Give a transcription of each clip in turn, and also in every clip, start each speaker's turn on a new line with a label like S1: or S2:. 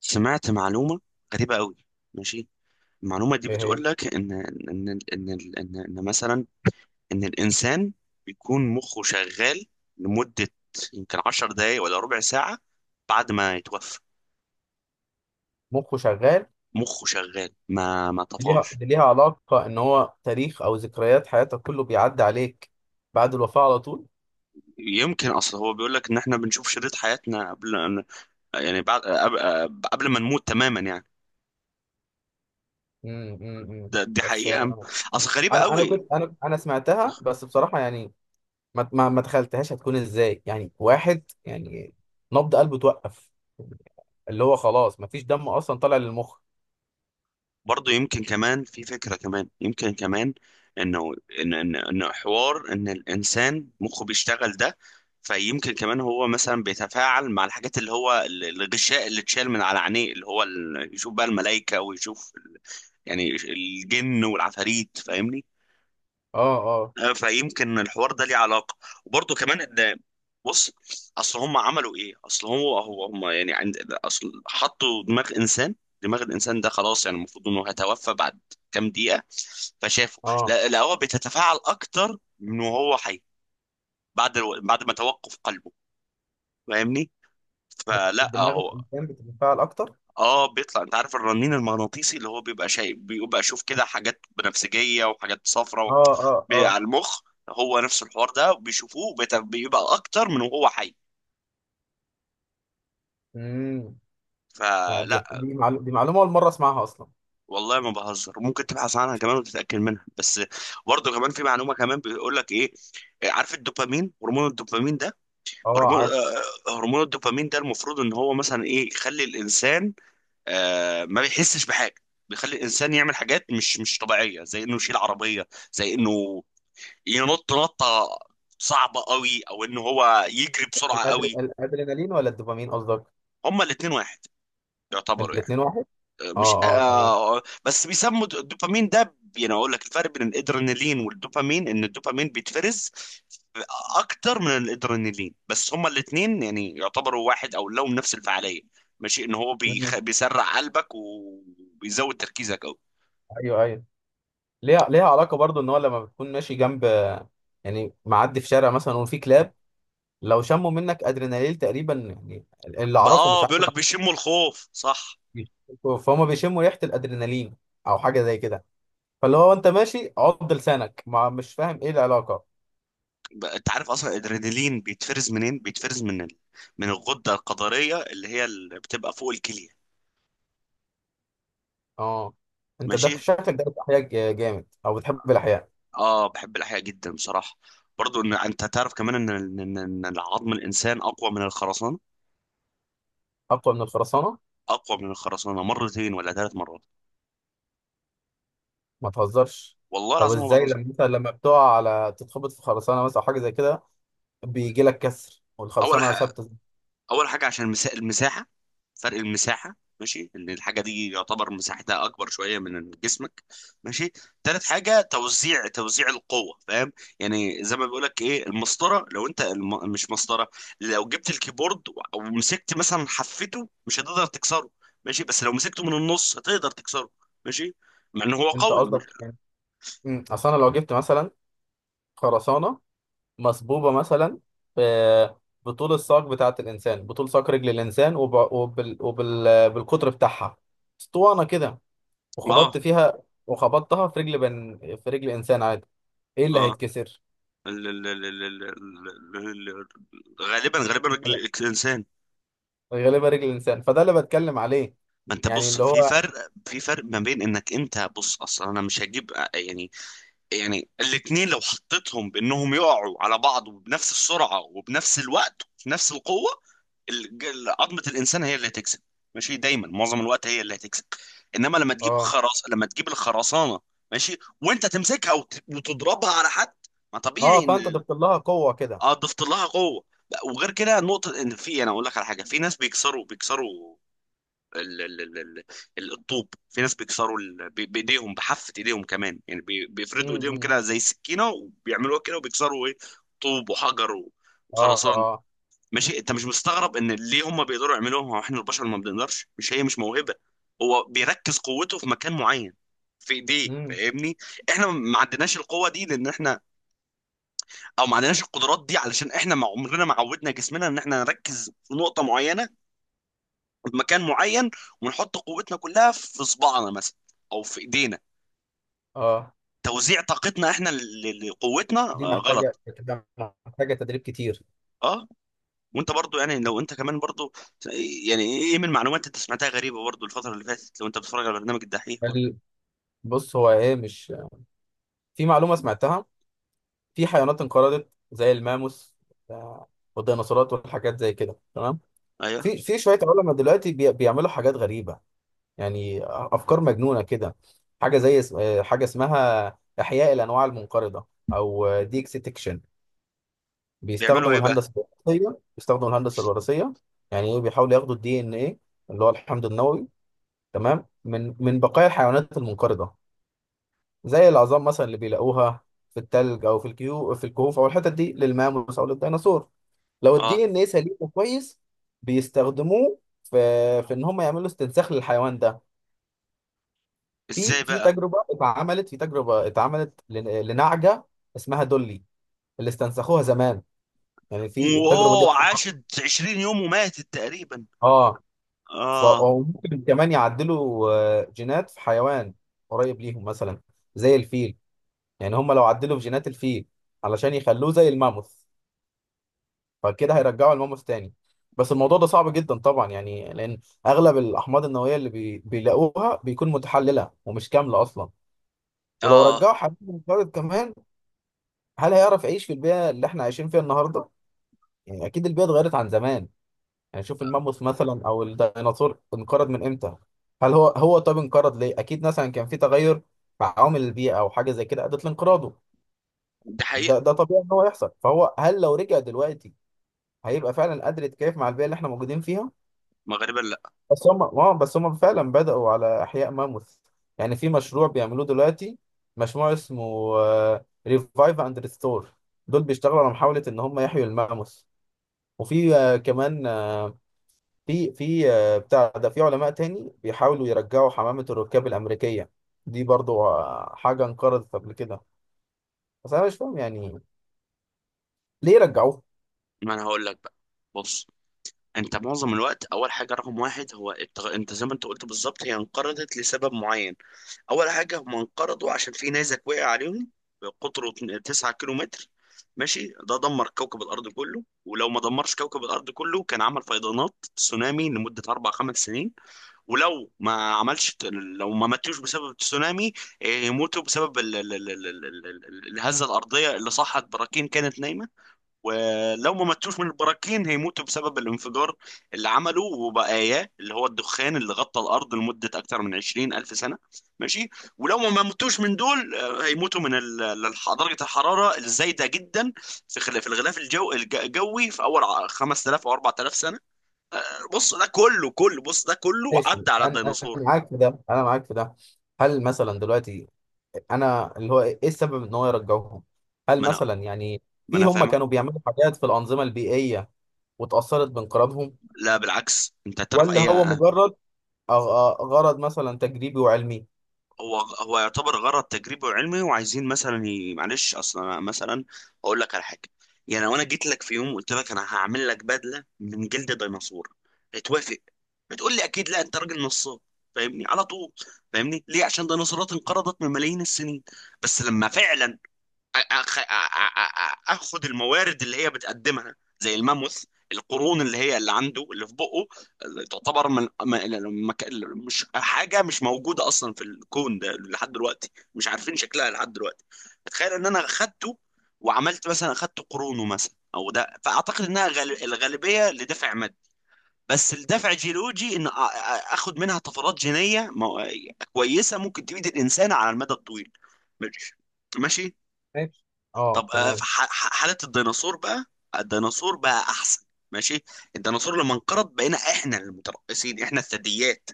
S1: سمعت معلومة غريبة قوي. ماشي. المعلومة دي
S2: هي هي
S1: بتقول لك إن مثلا إن الإنسان بيكون مخه شغال لمدة يمكن 10 دقايق ولا ربع ساعة بعد ما يتوفى.
S2: مخه شغال.
S1: مخه شغال ما
S2: دي
S1: طفاش.
S2: ليها دي ليها علاقة ان هو تاريخ او ذكريات حياتك كله بيعدي عليك بعد الوفاة على طول.
S1: يمكن أصل هو بيقول لك إن إحنا بنشوف شريط حياتنا يعني بعد قبل قبل ما نموت تماما يعني.
S2: إمم.
S1: دي
S2: بس
S1: حقيقة.
S2: آه،
S1: أصل غريبة
S2: انا انا
S1: قوي.
S2: كنت انا انا سمعتها، بس بصراحة يعني ما تخيلتهاش هتكون ازاي، يعني واحد يعني نبض قلبه توقف، اللي هو خلاص ما فيش دم اصلا طالع للمخ.
S1: برضه يمكن كمان في فكرة كمان يمكن كمان انه ان ان إن حوار ان الانسان مخه بيشتغل ده. فيمكن كمان هو مثلا بيتفاعل مع الحاجات، اللي هو الغشاء اللي اتشال من على عينيه، اللي هو يشوف بقى الملائكة ويشوف يعني الجن والعفاريت، فاهمني.
S2: اه، اه،
S1: فيمكن الحوار ده ليه علاقه. وبرضه كمان ان، بص، اصل هم عملوا ايه، اصل هو هو هم يعني عند اصل حطوا دماغ انسان. دماغ الانسان ده خلاص يعني المفروض انه هيتوفى بعد كام دقيقه. فشافه
S2: اه.
S1: لا لا، هو بتتفاعل اكتر من وهو حي. بعد ما توقف قلبه، فاهمني؟ فلا
S2: دماغ
S1: هو.
S2: الانسان بتتفاعل اكتر.
S1: اه بيطلع، انت عارف الرنين المغناطيسي اللي هو بيبقى شايف، بيبقى اشوف كده حاجات بنفسجيه وحاجات صفراء
S2: اه،
S1: و...
S2: اه، اه.
S1: على المخ. هو نفس الحوار ده بيشوفوه بيبقى اكتر من وهو حي.
S2: امم. لا،
S1: فلا.
S2: دي معلومة اول مرة اسمعها اصلا.
S1: والله ما بهزر، ممكن تبحث عنها كمان وتتاكد منها. بس برضه كمان في معلومه كمان، بيقول لك ايه، عارف الدوبامين، هرمون الدوبامين ده،
S2: اه،
S1: هرمون آه،
S2: عارف.
S1: آه، هرمون الدوبامين ده المفروض ان هو مثلا ايه، يخلي الانسان ما بيحسش بحاجه. بيخلي الانسان يعمل حاجات مش طبيعيه، زي انه يشيل عربيه، زي انه ينط نطه صعبه قوي، او انه هو يجري بسرعه قوي.
S2: الادرينالين ولا الدوبامين قصدك؟
S1: هما الاثنين واحد يعتبروا يعني.
S2: الاتنين واحد؟
S1: آه، مش
S2: اه، اه، تمام.
S1: آه بس بيسموا د- الدوبامين ده، يعني اقول لك الفرق بين الادرينالين والدوبامين ان الدوبامين بيتفرز اكتر من الادرينالين، بس هما الاثنين يعني يعتبروا واحد او لهم نفس الفعاليه. ماشي. ان هو
S2: مهم.
S1: بيسرع قلبك وبيزود تركيزك قوي.
S2: ايوه، ايوه، ليها علاقه برضو ان هو لما بتكون ماشي جنب، يعني معدي في شارع مثلا وفي كلاب، لو شموا منك ادرينالين تقريبا، يعني اللي اعرفه مش
S1: اه
S2: عارف.
S1: بيقول لك بيشموا الخوف، صح.
S2: فهم بيشموا ريحه الادرينالين او حاجه زي كده. فاللي هو انت ماشي عض لسانك، ما مش فاهم ايه العلاقه.
S1: بقى انت عارف اصلا الادرينالين بيتفرز منين؟ بيتفرز من من الغده الكظريه، اللي هي اللي بتبقى فوق الكليه.
S2: اه. انت
S1: ماشي.
S2: ده شكلك ده احياء جامد او بتحب الاحياء.
S1: اه بحب الاحياء جدا بصراحه. برضو ان انت تعرف كمان ان إن العظم الانسان اقوى من الخرسانه.
S2: اقوى من الخرسانه؟
S1: اقوى من الخرسانه مرتين ولا 3 مرات.
S2: ما تهزرش.
S1: والله
S2: طب
S1: العظيم ما
S2: ازاي
S1: بهزر.
S2: لما مثلا، لما بتقع على تتخبط في خرسانه مثلا او حاجه زي كده، بيجي لك كسر
S1: اول
S2: والخرسانه
S1: ح...
S2: ثابته.
S1: اول حاجه عشان المساحه، فرق المساحه. ماشي، ان الحاجه دي يعتبر مساحتها اكبر شويه من جسمك. ماشي. تالت حاجه توزيع القوه، فاهم؟ يعني زي ما بيقول لك ايه، المسطره، لو انت مش مسطره، لو جبت الكيبورد ومسكت مثلا حفته مش هتقدر تكسره، ماشي، بس لو مسكته من النص هتقدر تكسره. ماشي. مع ان هو
S2: انت
S1: قوي، مش...
S2: قصدك يعني... اصل انا لو جبت مثلا خرسانه مصبوبه مثلا، ب- بطول ساق رجل الانسان بالقطر بتاعها، اسطوانه كده، وخبطت
S1: اه
S2: فيها وخبطتها في رجل انسان عادي، ايه اللي
S1: اه
S2: هيتكسر؟
S1: ال- ال- ال- ال- ال- ال- ال- غالبا غالبا رجل
S2: لا،
S1: الانسان.
S2: غالبا رجل الانسان، فده اللي بتكلم عليه،
S1: ما انت
S2: يعني
S1: بص،
S2: اللي
S1: في
S2: هو...
S1: فرق، في فرق ما بين، انك انت بص اصلا انا مش هجيب يعني، يعني الاتنين لو حطيتهم بانهم يقعوا على بعض وبنفس السرعة وبنفس الوقت وفي نفس القوة، الج- عظمة الانسان هي اللي هتكسب. ماشي، دايما معظم الوقت هي اللي هتكسب. انما لما تجيب
S2: اه،
S1: خرص، لما تجيب الخرسانة، ماشي، وانت تمسكها وتضربها على حد، ما
S2: اه،
S1: طبيعي ان...
S2: فانت ضفت لها قوه كده.
S1: اه ضفت لها قوة. لا، وغير كده نقطة، ان في، انا اقول لك على حاجة، في ناس بيكسروا ال- ال- ال- ال- الطوب، في ناس بيكسروا بايديهم، بحافة ايديهم كمان، يعني بيفردوا ايديهم
S2: امم.
S1: كده زي سكينة وبيعملوها كده، وبيكسروا ايه، طوب وحجر
S2: اه،
S1: وخرسان.
S2: اه.
S1: ماشي. انت مش مستغرب ان ليه هم بيقدروا يعملوها واحنا البشر ما بنقدرش؟ مش هي مش موهبة، هو بيركز قوته في مكان معين، في ايديه،
S2: امم.
S1: فاهمني؟ احنا ما عندناش القوة دي لان احنا، او ما عندناش القدرات دي علشان احنا ما عمرنا ما عودنا جسمنا ان احنا نركز في نقطة معينة بمكان معين، ونحط قوتنا كلها في صباعنا مثلا او في ايدينا.
S2: اه.
S1: توزيع طاقتنا احنا لقوتنا
S2: دي محتاجه
S1: غلط.
S2: بتبقى محتاجه تدريب كتير.
S1: اه. وانت برضو يعني لو انت كمان برضو، يعني ايه من معلومات انت سمعتها غريبه برضو الفتره اللي فاتت؟ لو انت بتتفرج على برنامج الدحيح برضو.
S2: ال- بص هو ايه، مش... في معلومه سمعتها. في حيوانات انقرضت زي الماموس آه، والديناصورات والحاجات زي كده، تمام.
S1: ايوه.
S2: في شويه علماء دلوقتي بيعملوا حاجات غريبه، يعني افكار مجنونه كده. حاجه زي اس- آه، حاجه اسمها احياء الانواع المنقرضه، او ديكستكشن.
S1: بيعملوا
S2: بيستخدموا
S1: ايه بقى؟
S2: الهندسه بيستخدموا الهندسه الوراثيه. يعني ايه، بيحاولوا ياخدوا الـDNA اللي هو الحمض النووي، تمام، من بقايا الحيوانات المنقرضه زي العظام مثلا اللي بيلاقوها في التلج او في الكهوف او الحتت دي، للماموس او للديناصور. لو
S1: اه.
S2: الـDNA سليم وكويس، بيستخدموه في ان هم يعملوا استنساخ للحيوان ده.
S1: ازاي بقى؟
S2: في تجربه اتعملت لنعجه اسمها دولي اللي استنسخوها زمان، يعني في التجربه دي
S1: واوه،
S2: أصلاً...
S1: عاشت 20 يوم وماتت تقريبا.
S2: اه.
S1: اه.
S2: أو ممكن كمان يعدلوا جينات في حيوان قريب ليهم مثلا زي الفيل. يعني هم لو عدلوا في جينات الفيل علشان يخلوه زي الماموث، فكده هيرجعوا الماموث تاني. بس الموضوع ده صعب جدا طبعا، يعني لأن أغلب الأحماض النووية اللي بيلاقوها بيكون متحللة ومش كاملة أصلا. ولو
S1: اه.
S2: رجعوا حبيب منقرض كمان، هل هيعرف يعيش في البيئة اللي احنا عايشين فيها النهاردة؟ يعني أكيد البيئة اتغيرت عن زمان. يعني شوف الماموث مثلا او الديناصور انقرض من امتى. هل هو طب انقرض ليه؟ اكيد مثلا كان في تغير مع عوامل البيئه او حاجه زي كده ادت لانقراضه.
S1: ده حقيقه.
S2: ده طبيعي ان هو يحصل، فهو هل لو رجع دلوقتي هيبقى فعلا قادر يتكيف مع البيئه اللي احنا موجودين فيها؟
S1: ما غالبا لا.
S2: بس هم فعلا بدأوا على احياء ماموث، يعني في مشروع بيعملوه دلوقتي، مشروع اسمه ريفايف اند ريستور. دول بيشتغلوا على محاوله ان هم يحيوا الماموث. وفي كمان آه، في في آه، بتاع ده في علماء تاني بيحاولوا يرجعوا حمامة الركاب الأمريكية، دي برضو حاجة انقرضت قبل كده. بس أنا مش فاهم يعني ليه رجعوه؟
S1: ما انا هقول لك بقى، بص. انت معظم الوقت، اول حاجه رقم واحد، هو انت زي ما انت قلت بالظبط، هي انقرضت لسبب معين. اول حاجه هم انقرضوا عشان في نيزك وقع عليهم، قطره 9 كيلو متر. ماشي. ده دمر كوكب الارض كله، ولو ما دمرش كوكب الارض كله كان عمل فيضانات تسونامي لمده اربع خمس سنين. ولو ما عملش، لو ما ماتوش بسبب التسونامي اه، يموتوا بسبب الهزه الارضيه اللي صحت براكين كانت نايمه. ولو ما ماتوش من البراكين هيموتوا بسبب الانفجار اللي عمله وبقاياه، اللي هو الدخان اللي غطى الأرض لمدة أكثر من 20 ألف سنة. ماشي. ولو ما ماتوش من دول هيموتوا من درجة الحرارة الزايدة جدا في في الغلاف الجو الجوي في أول 5000 أو 4000 سنة. آه، بص ده كله، كله بص ده كله
S2: ماشي.
S1: عدى على الديناصور.
S2: أنا معاك في ده. هل مثلا دلوقتي، أنا اللي هو إيه السبب إن هو يرجعوهم؟ هل
S1: ما أنا
S2: مثلا يعني
S1: ما
S2: في،
S1: أنا
S2: هم
S1: فاهمك.
S2: كانوا بيعملوا حاجات في الأنظمة البيئية واتأثرت بانقراضهم،
S1: لا بالعكس، أنت تعرف
S2: ولا
S1: أي.
S2: هو مجرد غرض مثلا تجريبي وعلمي؟
S1: هو هو يعتبر غرض تجريبي وعلمي، وعايزين مثلا معلش، اصلا أنا مثلا اقول لك على حاجه. يعني لو انا جيت لك في يوم قلت لك انا هعمل لك بدله من جلد ديناصور، هتوافق؟ بتقول لي اكيد لا، انت راجل نصاب. فاهمني على طول؟ فاهمني ليه؟ عشان ديناصورات انقرضت من ملايين السنين. بس لما فعلا أخ... أ- أ- أ- اخد الموارد اللي هي بتقدمها، زي الماموث، القرون اللي هي اللي عنده اللي في بقه، اللي تعتبر من المك... مش حاجه، مش موجوده اصلا في الكون ده لحد دلوقتي، مش عارفين شكلها لحد دلوقتي. تخيل ان انا اخدته وعملت مثلا اخدت قرونه مثلا، او ده فاعتقد انها الغالبيه لدفع مادي. بس الدفع جيولوجي، ان اخد منها طفرات جينيه كويسه ممكن تفيد الانسان على المدى الطويل. ماشي. ماشي.
S2: ماشي. اه،
S1: طب في
S2: تمام.
S1: حالة الديناصور بقى، الديناصور بقى أحسن. ماشي. الديناصور لما انقرض بقينا احنا المتربصين، احنا الثدييات،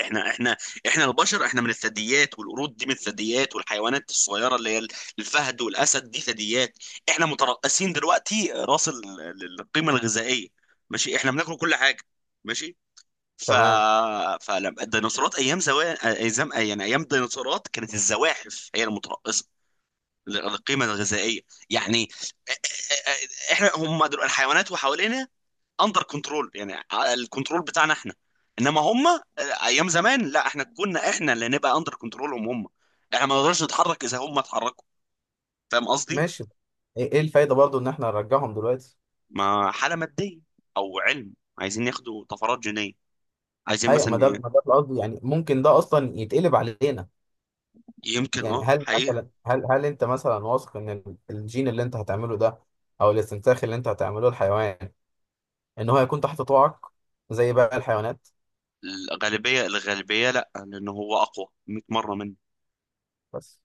S1: احنا احنا البشر، احنا من الثدييات، والقرود دي من الثدييات، والحيوانات الصغيره اللي هي الفهد والاسد دي ثدييات. احنا مترقصين دلوقتي راس القيمه الغذائيه. ماشي، احنا بناكل كل حاجه. ماشي. ف
S2: تمام.
S1: فلما الديناصورات ايام زمان، ايام يعني ايام الديناصورات كانت الزواحف هي المترقصه القيمة الغذائية يعني. احنا هم دول الحيوانات وحوالينا، اندر كنترول يعني، الكنترول بتاعنا احنا. انما هم ايام زمان لا، احنا كنا احنا اللي نبقى اندر كنترولهم هم، احنا ما نقدرش نتحرك اذا هم اتحركوا. فاهم قصدي؟
S2: ماشي. إيه الفايده برضو ان احنا نرجعهم دلوقتي؟
S1: ما حالة مادية او علم، عايزين ياخدوا طفرات جينية، عايزين
S2: ايوه،
S1: مثلا
S2: ما ده القصد، يعني ممكن ده اصلا يتقلب علينا.
S1: يمكن
S2: يعني
S1: اه
S2: هل
S1: حقيقة.
S2: مثلا هل هل انت مثلا واثق ان الجين اللي انت هتعمله ده او الاستنساخ اللي انت هتعمله الحيوان، ان هو هيكون تحت طوعك زي باقي الحيوانات؟
S1: الغالبية لا، لان هو اقوى 100 مرة.
S2: بس